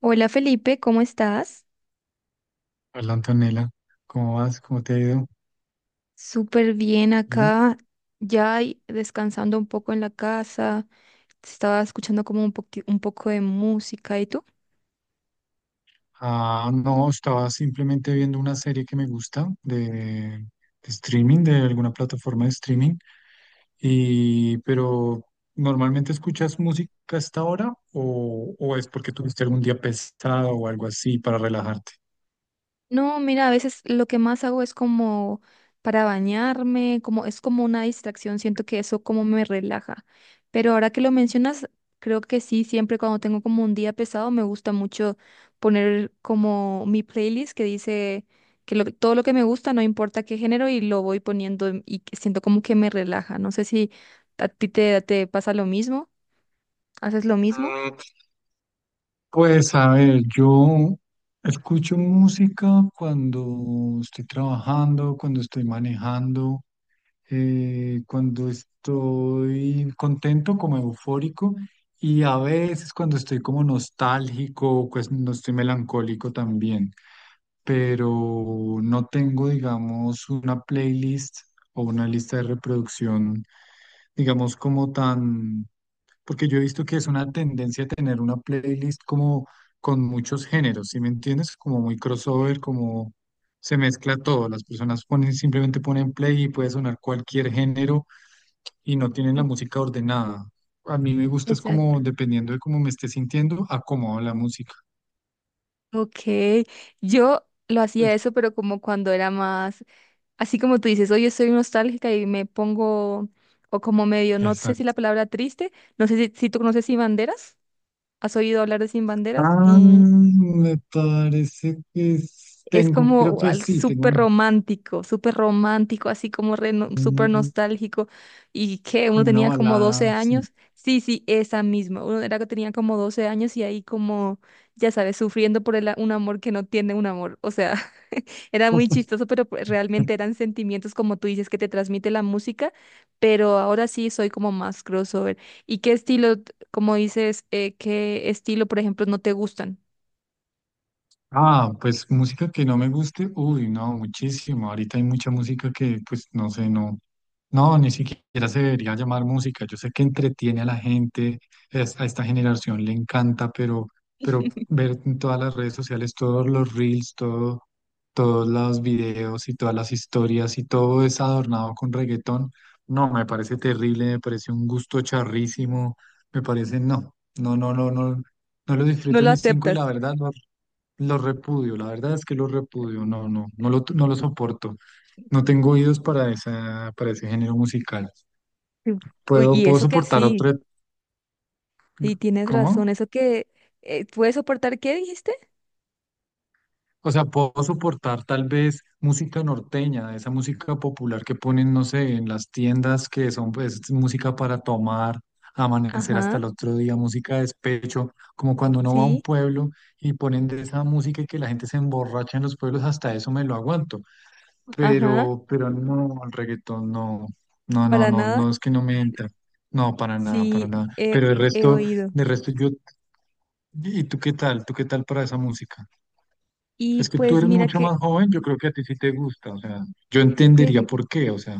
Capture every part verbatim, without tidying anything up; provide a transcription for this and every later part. Hola Felipe, ¿cómo estás? Hola Antonella, ¿cómo vas? ¿Cómo te ha ido? Súper bien Bien. acá, ya y- descansando un poco en la casa, estaba escuchando como un poqui- un poco de música, ¿y tú? Ah, no, estaba simplemente viendo una serie que me gusta de, de streaming, de alguna plataforma de streaming. Y, pero, ¿normalmente escuchas música a esta hora o, o es porque tuviste algún día pesado o algo así para relajarte? No, mira, a veces lo que más hago es como para bañarme, como es como una distracción, siento que eso como me relaja. Pero ahora que lo mencionas, creo que sí, siempre cuando tengo como un día pesado, me gusta mucho poner como mi playlist que dice que lo- todo lo que me gusta, no importa qué género, y lo voy poniendo y que siento como que me relaja. No sé si a ti te, te pasa lo mismo, haces lo mismo. Mm, pues a ver, yo escucho música cuando estoy trabajando, cuando estoy manejando. Eh, cuando estoy contento, como eufórico, y a veces cuando estoy como nostálgico, pues no estoy melancólico también, pero no tengo, digamos, una playlist o una lista de reproducción, digamos, como tan, porque yo he visto que es una tendencia tener una playlist como con muchos géneros, ¿sí me entiendes? Como muy crossover, como... Se mezcla todo, las personas ponen, simplemente ponen play y puede sonar cualquier género y no tienen la música ordenada. A mí me gusta es Exacto. como dependiendo de cómo me esté sintiendo, acomodo la música. Ok, yo lo hacía eso, pero como cuando era más. Así como tú dices, hoy estoy nostálgica y me pongo, o como medio, no sé si la Exacto. palabra triste, no sé si, si tú conoces Sin Banderas, ¿has oído hablar de Sin Banderas? Ah, Mm, me parece que es- es tengo, creo como que al sí, tengo súper un- romántico, súper romántico, así como re no- súper un- nostálgico. ¿Y que uno como una tenía como balada, doce sí. años. Sí, sí, esa misma. Uno era que tenía como doce años y ahí como, ya sabes, sufriendo por el, a- un amor, que no tiene un amor. O sea, era muy chistoso, pero pues realmente eran sentimientos, como tú dices, que te transmite la música, pero ahora sí soy como más crossover. ¿Y qué estilo, t- como dices, eh, qué estilo, por ejemplo, no te gustan? Ah, pues música que no me guste, uy, no, muchísimo. Ahorita hay mucha música que, pues, no sé, no, no, ni siquiera se debería llamar música. Yo sé que entretiene a la gente, es- a esta generación le encanta, pero, pero ver en todas las redes sociales todos los reels, todo, todos los videos y todas las historias y todo es adornado con reggaetón, no, me parece terrible, me parece un gusto charrísimo, me parece, no, no, no, no, no. No lo No disfruto lo ni cinco y aceptas. la verdad no lo repudio, la verdad es que lo repudio, no, no, no lo, no lo soporto. No tengo oídos para esa, para ese género musical. Sí. Uy, Puedo, y puedo eso que soportar sí, otro, sí, tienes razón, ¿cómo? eso que eh, puedes soportar, ¿qué dijiste? O sea, puedo soportar tal vez música norteña, esa música popular que ponen, no sé, en las tiendas que son pues música para tomar, amanecer hasta Ajá, el otro día, música de despecho, como cuando uno va a un sí, pueblo y ponen de esa música y que la gente se emborracha en los pueblos, hasta eso me lo aguanto, ajá, pero, pero no, el reggaetón no, no, no, para no, nada, no, es que no me entra. No, para nada, para sí, nada. he, Pero el he resto, oído. de resto yo, ¿y tú qué tal? ¿Tú qué tal para esa música? Y Es que tú pues eres mira mucho que, más joven, yo creo que a ti sí te gusta, o sea, yo pues. entendería por qué, o sea,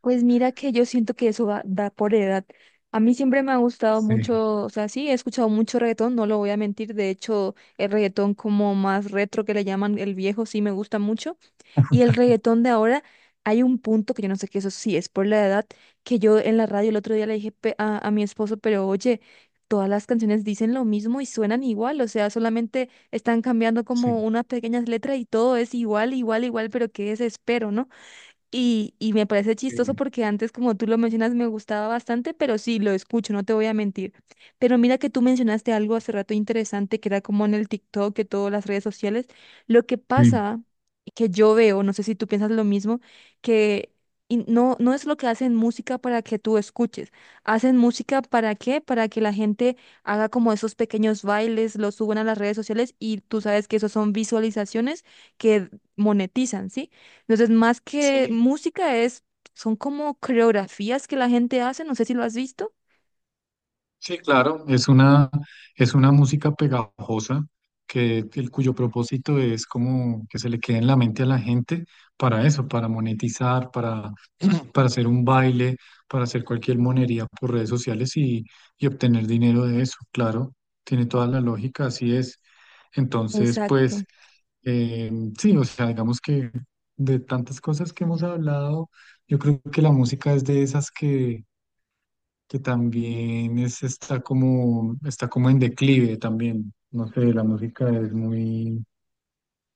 Pues mira que yo siento que eso va, va por edad. A mí siempre me ha gustado sí, mucho, o sea, sí, he escuchado mucho reggaetón, no lo voy a mentir. De hecho, el reggaetón como más retro que le llaman el viejo, sí me gusta mucho. Y el reggaetón de ahora, hay un punto que yo no sé que eso sí es por la edad, que yo en la radio el otro día le dije pe- a, a mi esposo, pero oye, todas las canciones dicen lo mismo y suenan igual, o sea, solamente están cambiando sí, como unas pequeñas letras y todo es igual, igual, igual, pero qué desespero, ¿no? Y, y me parece chistoso sí, porque antes, como tú lo mencionas, me gustaba bastante, pero sí, lo escucho, no te voy a mentir. Pero mira que tú mencionaste algo hace rato interesante, que era como en el TikTok, que todas las redes sociales. Lo que sí. pasa, que yo veo, no sé si tú piensas lo mismo, que in- no, no es lo que hacen música para que tú escuches. ¿Hacen música para qué? Para que la gente haga como esos pequeños bailes, los suban a las redes sociales y tú sabes que esos son visualizaciones que monetizan, ¿sí? Entonces, más que Sí. música es, son como coreografías que la gente hace, no sé si lo has visto. Sí, claro, es una, es una música pegajosa que el cuyo propósito es como que se le quede en la mente a la gente para eso, para monetizar, para, para hacer un baile, para hacer cualquier monería por redes sociales y, y obtener dinero de eso, claro, tiene toda la lógica, así es. Entonces, Exacto, pues, eh, sí, o sea, digamos que de tantas cosas que hemos hablado, yo creo que la música es de esas que que también es, está como, está como en declive también. No sé, la música es muy,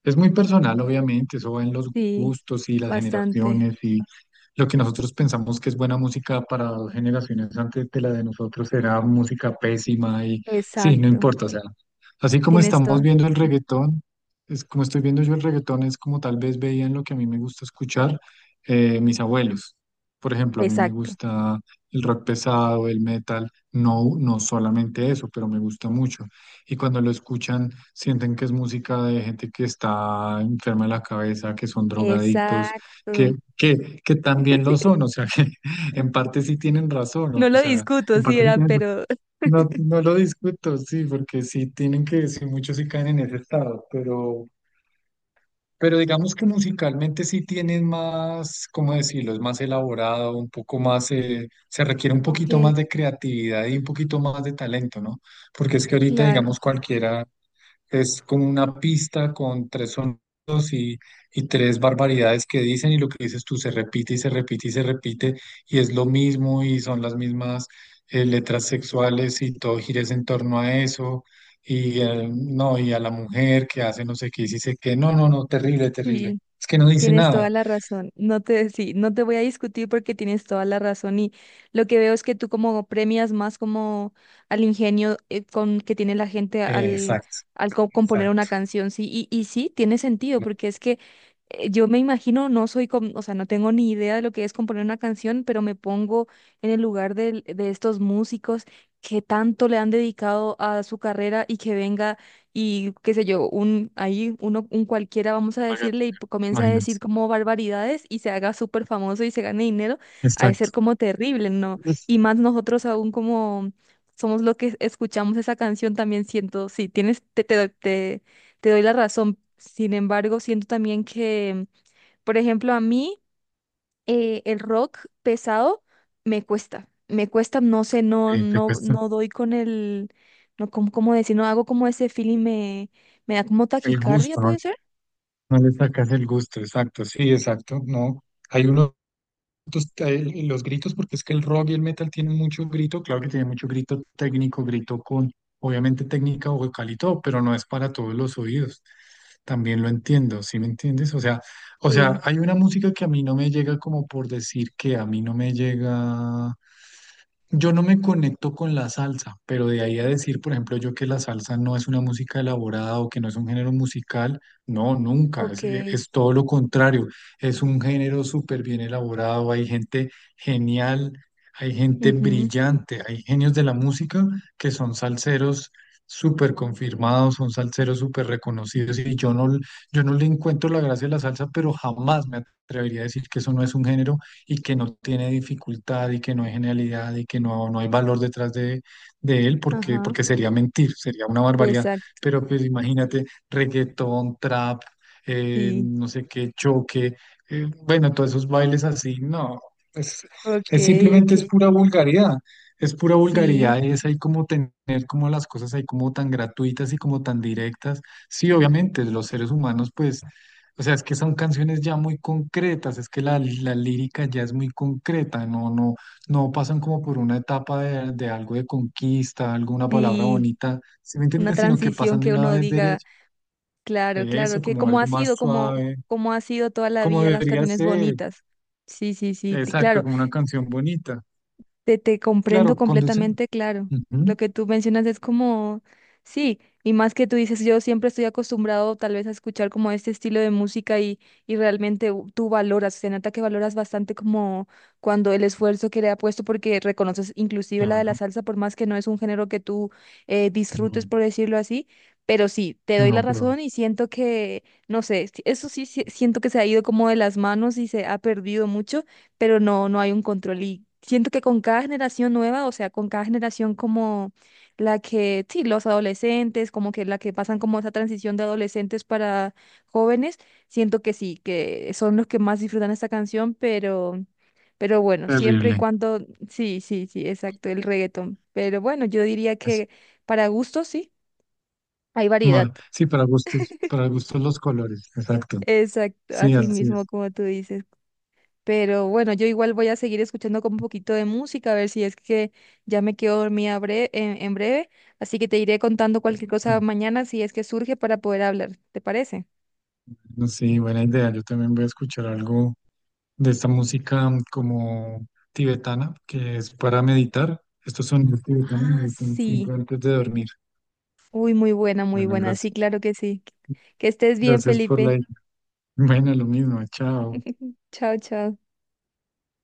es muy personal, obviamente, eso va en los sí, gustos y las bastante. generaciones y lo que nosotros pensamos que es buena música para dos generaciones antes de la de nosotros será música pésima y sí, no Exacto, importa, o sea, así como tienes estamos toda. viendo el reggaetón, es como estoy viendo yo el reggaetón, es como tal vez veían lo que a mí me gusta escuchar, eh, mis abuelos. Por ejemplo, a mí me Exacto, gusta el rock pesado, el metal, no, no solamente eso, pero me gusta mucho y cuando lo escuchan sienten que es música de gente que está enferma de la cabeza, que son drogadictos, que, exacto. que, que también lo son, o sea, que en parte sí tienen razón, No o lo sea, discuto en sí parte sí era, tienen razón. pero... No, no lo discuto, sí, porque sí tienen que, sí, muchos sí caen en ese estado, pero, pero digamos que musicalmente sí tienen más, ¿cómo decirlo? Es más elaborado, un poco más, eh, se requiere un poquito Ok, más de creatividad y un poquito más de talento, ¿no? Porque es que ahorita, claro, digamos, cualquiera es como una pista con tres sonidos y, y tres barbaridades que dicen y lo que dices tú se repite y se repite y se repite y es lo mismo y son las mismas eh, letras sexuales y todo gira es en torno a eso y eh, no, y a la mujer que hace no sé qué y dice que no, no, no, terrible, terrible. sí. Es que no dice Tienes nada. toda la razón. No te, sí, no te voy a discutir porque tienes toda la razón. Y lo que veo es que tú como premias más como al ingenio, eh, con que tiene la gente Eh, al, exacto, al co- componer una exacto. canción, sí. Y, y sí, tiene sentido, No, porque es que eh, yo me imagino, no soy, com- o sea, no tengo ni idea de lo que es componer una canción, pero me pongo en el lugar del- de estos músicos que tanto le han dedicado a su carrera y que venga y qué sé yo, un ahí uno un cualquiera vamos a decirle y comienza a decir imagínate, como barbaridades y se haga súper famoso y se gane dinero, ha de ser exacto. como terrible, ¿no? Y más nosotros aún como somos los que escuchamos esa canción también siento, sí, tienes te te doy- te, te doy la razón. Sin embargo, siento también que, por ejemplo, a mí eh, el rock pesado me cuesta, me cuesta, no sé, no, Eh, te no, cuesta no doy con el, no, como, cómo decir, no hago como ese feeling, me, me da como el taquicardia, gusto, ¿no? ¿puede ser? No le sacas el gusto, exacto, sí, exacto, no. Hay unos gritos, eh, los gritos, porque es que el rock y el metal tienen mucho grito, claro que tiene mucho grito técnico, grito con, obviamente técnica vocal y todo, pero no es para todos los oídos. También lo entiendo, ¿sí me entiendes? O sea, o sea, Sí, hay una música que a mí no me llega como por decir que a mí no me llega yo no me conecto con la salsa, pero de ahí a decir, por ejemplo, yo que la salsa no es una música elaborada o que no es un género musical, no, nunca, ok, es, eh, es todo lo contrario, es un género súper bien elaborado, hay gente genial, hay gente ujú, brillante, hay genios de la música que son salseros súper confirmados, son salseros súper reconocidos y yo no, yo no le encuentro la gracia a la salsa, pero jamás me atrevería a decir que eso no es un género y que no tiene dificultad y que no hay genialidad y que no, no hay valor detrás de, de él, porque, ajá, porque sería mentir, sería una barbaridad. exacto, Pero pues imagínate, reggaetón, trap, eh, sí, no sé qué, choque, eh, bueno, todos esos bailes así, no, es, ok, es ok, simplemente es pura vulgaridad. Es pura sí, vulgaridad y es ahí como tener como las cosas ahí como tan gratuitas y como tan directas. Sí, obviamente, los seres humanos pues o sea, es que son canciones ya muy concretas, es que la, la lírica ya es muy concreta, no, no, no pasan como por una etapa de, de algo de conquista, alguna palabra sí, bonita, ¿sí me una entiendes? Sino que transición pasan de que una uno vez diga, derecho, claro, de claro, eso, que como como algo ha más sido, como, suave, como ha sido toda la como vida las debería canciones ser, bonitas, sí, sí, sí, t- exacto, claro. como una canción bonita. Te, te Claro, comprendo conducen, completamente, claro. Lo ujú, que tú mencionas es como, sí, y más que tú dices, yo siempre estoy acostumbrado tal vez a escuchar como este estilo de música y, y realmente u- tú valoras, se nota que valoras bastante como cuando el esfuerzo que le ha puesto, porque reconoces inclusive la de la claro, salsa, por más que no es un género que tú eh, disfrutes, no, por decirlo así, pero sí, te doy la no, pero razón y siento que, no sé, si- eso sí, sí, siento que se ha ido como de las manos y se ha perdido mucho, pero no, no hay un control. Y siento que con cada generación nueva, o sea, con cada generación como la que, sí, los adolescentes, como que la que pasan como esa transición de adolescentes para jóvenes, siento que sí, que son los que más disfrutan esta canción, pero, pero bueno, siempre y terrible. cuando, sí, sí, sí, exacto, el reggaetón. Pero bueno, yo diría Eso. que para gustos, sí, hay variedad. No, sí, para gustos, para gustos los colores, exacto, Exacto, sí, así así mismo es. como tú dices. Pero bueno, yo igual voy a seguir escuchando como un poquito de música, a ver si es que ya me quedo dormida bre- en, en breve. Así que te iré contando cualquier cosa mañana si es que surge para poder hablar. ¿Te parece? Sí, buena idea. Yo también voy a escuchar algo de esta música mm, como tibetana, que es para meditar. Estos sonidos tibetanos me Ah, gustan sí. siempre antes de dormir. Uy, muy buena, muy Bueno, buena. Sí, gracias. claro que sí. Que estés bien, Gracias por la... Felipe. idea. Bueno, lo mismo. Chao. Chao, chao.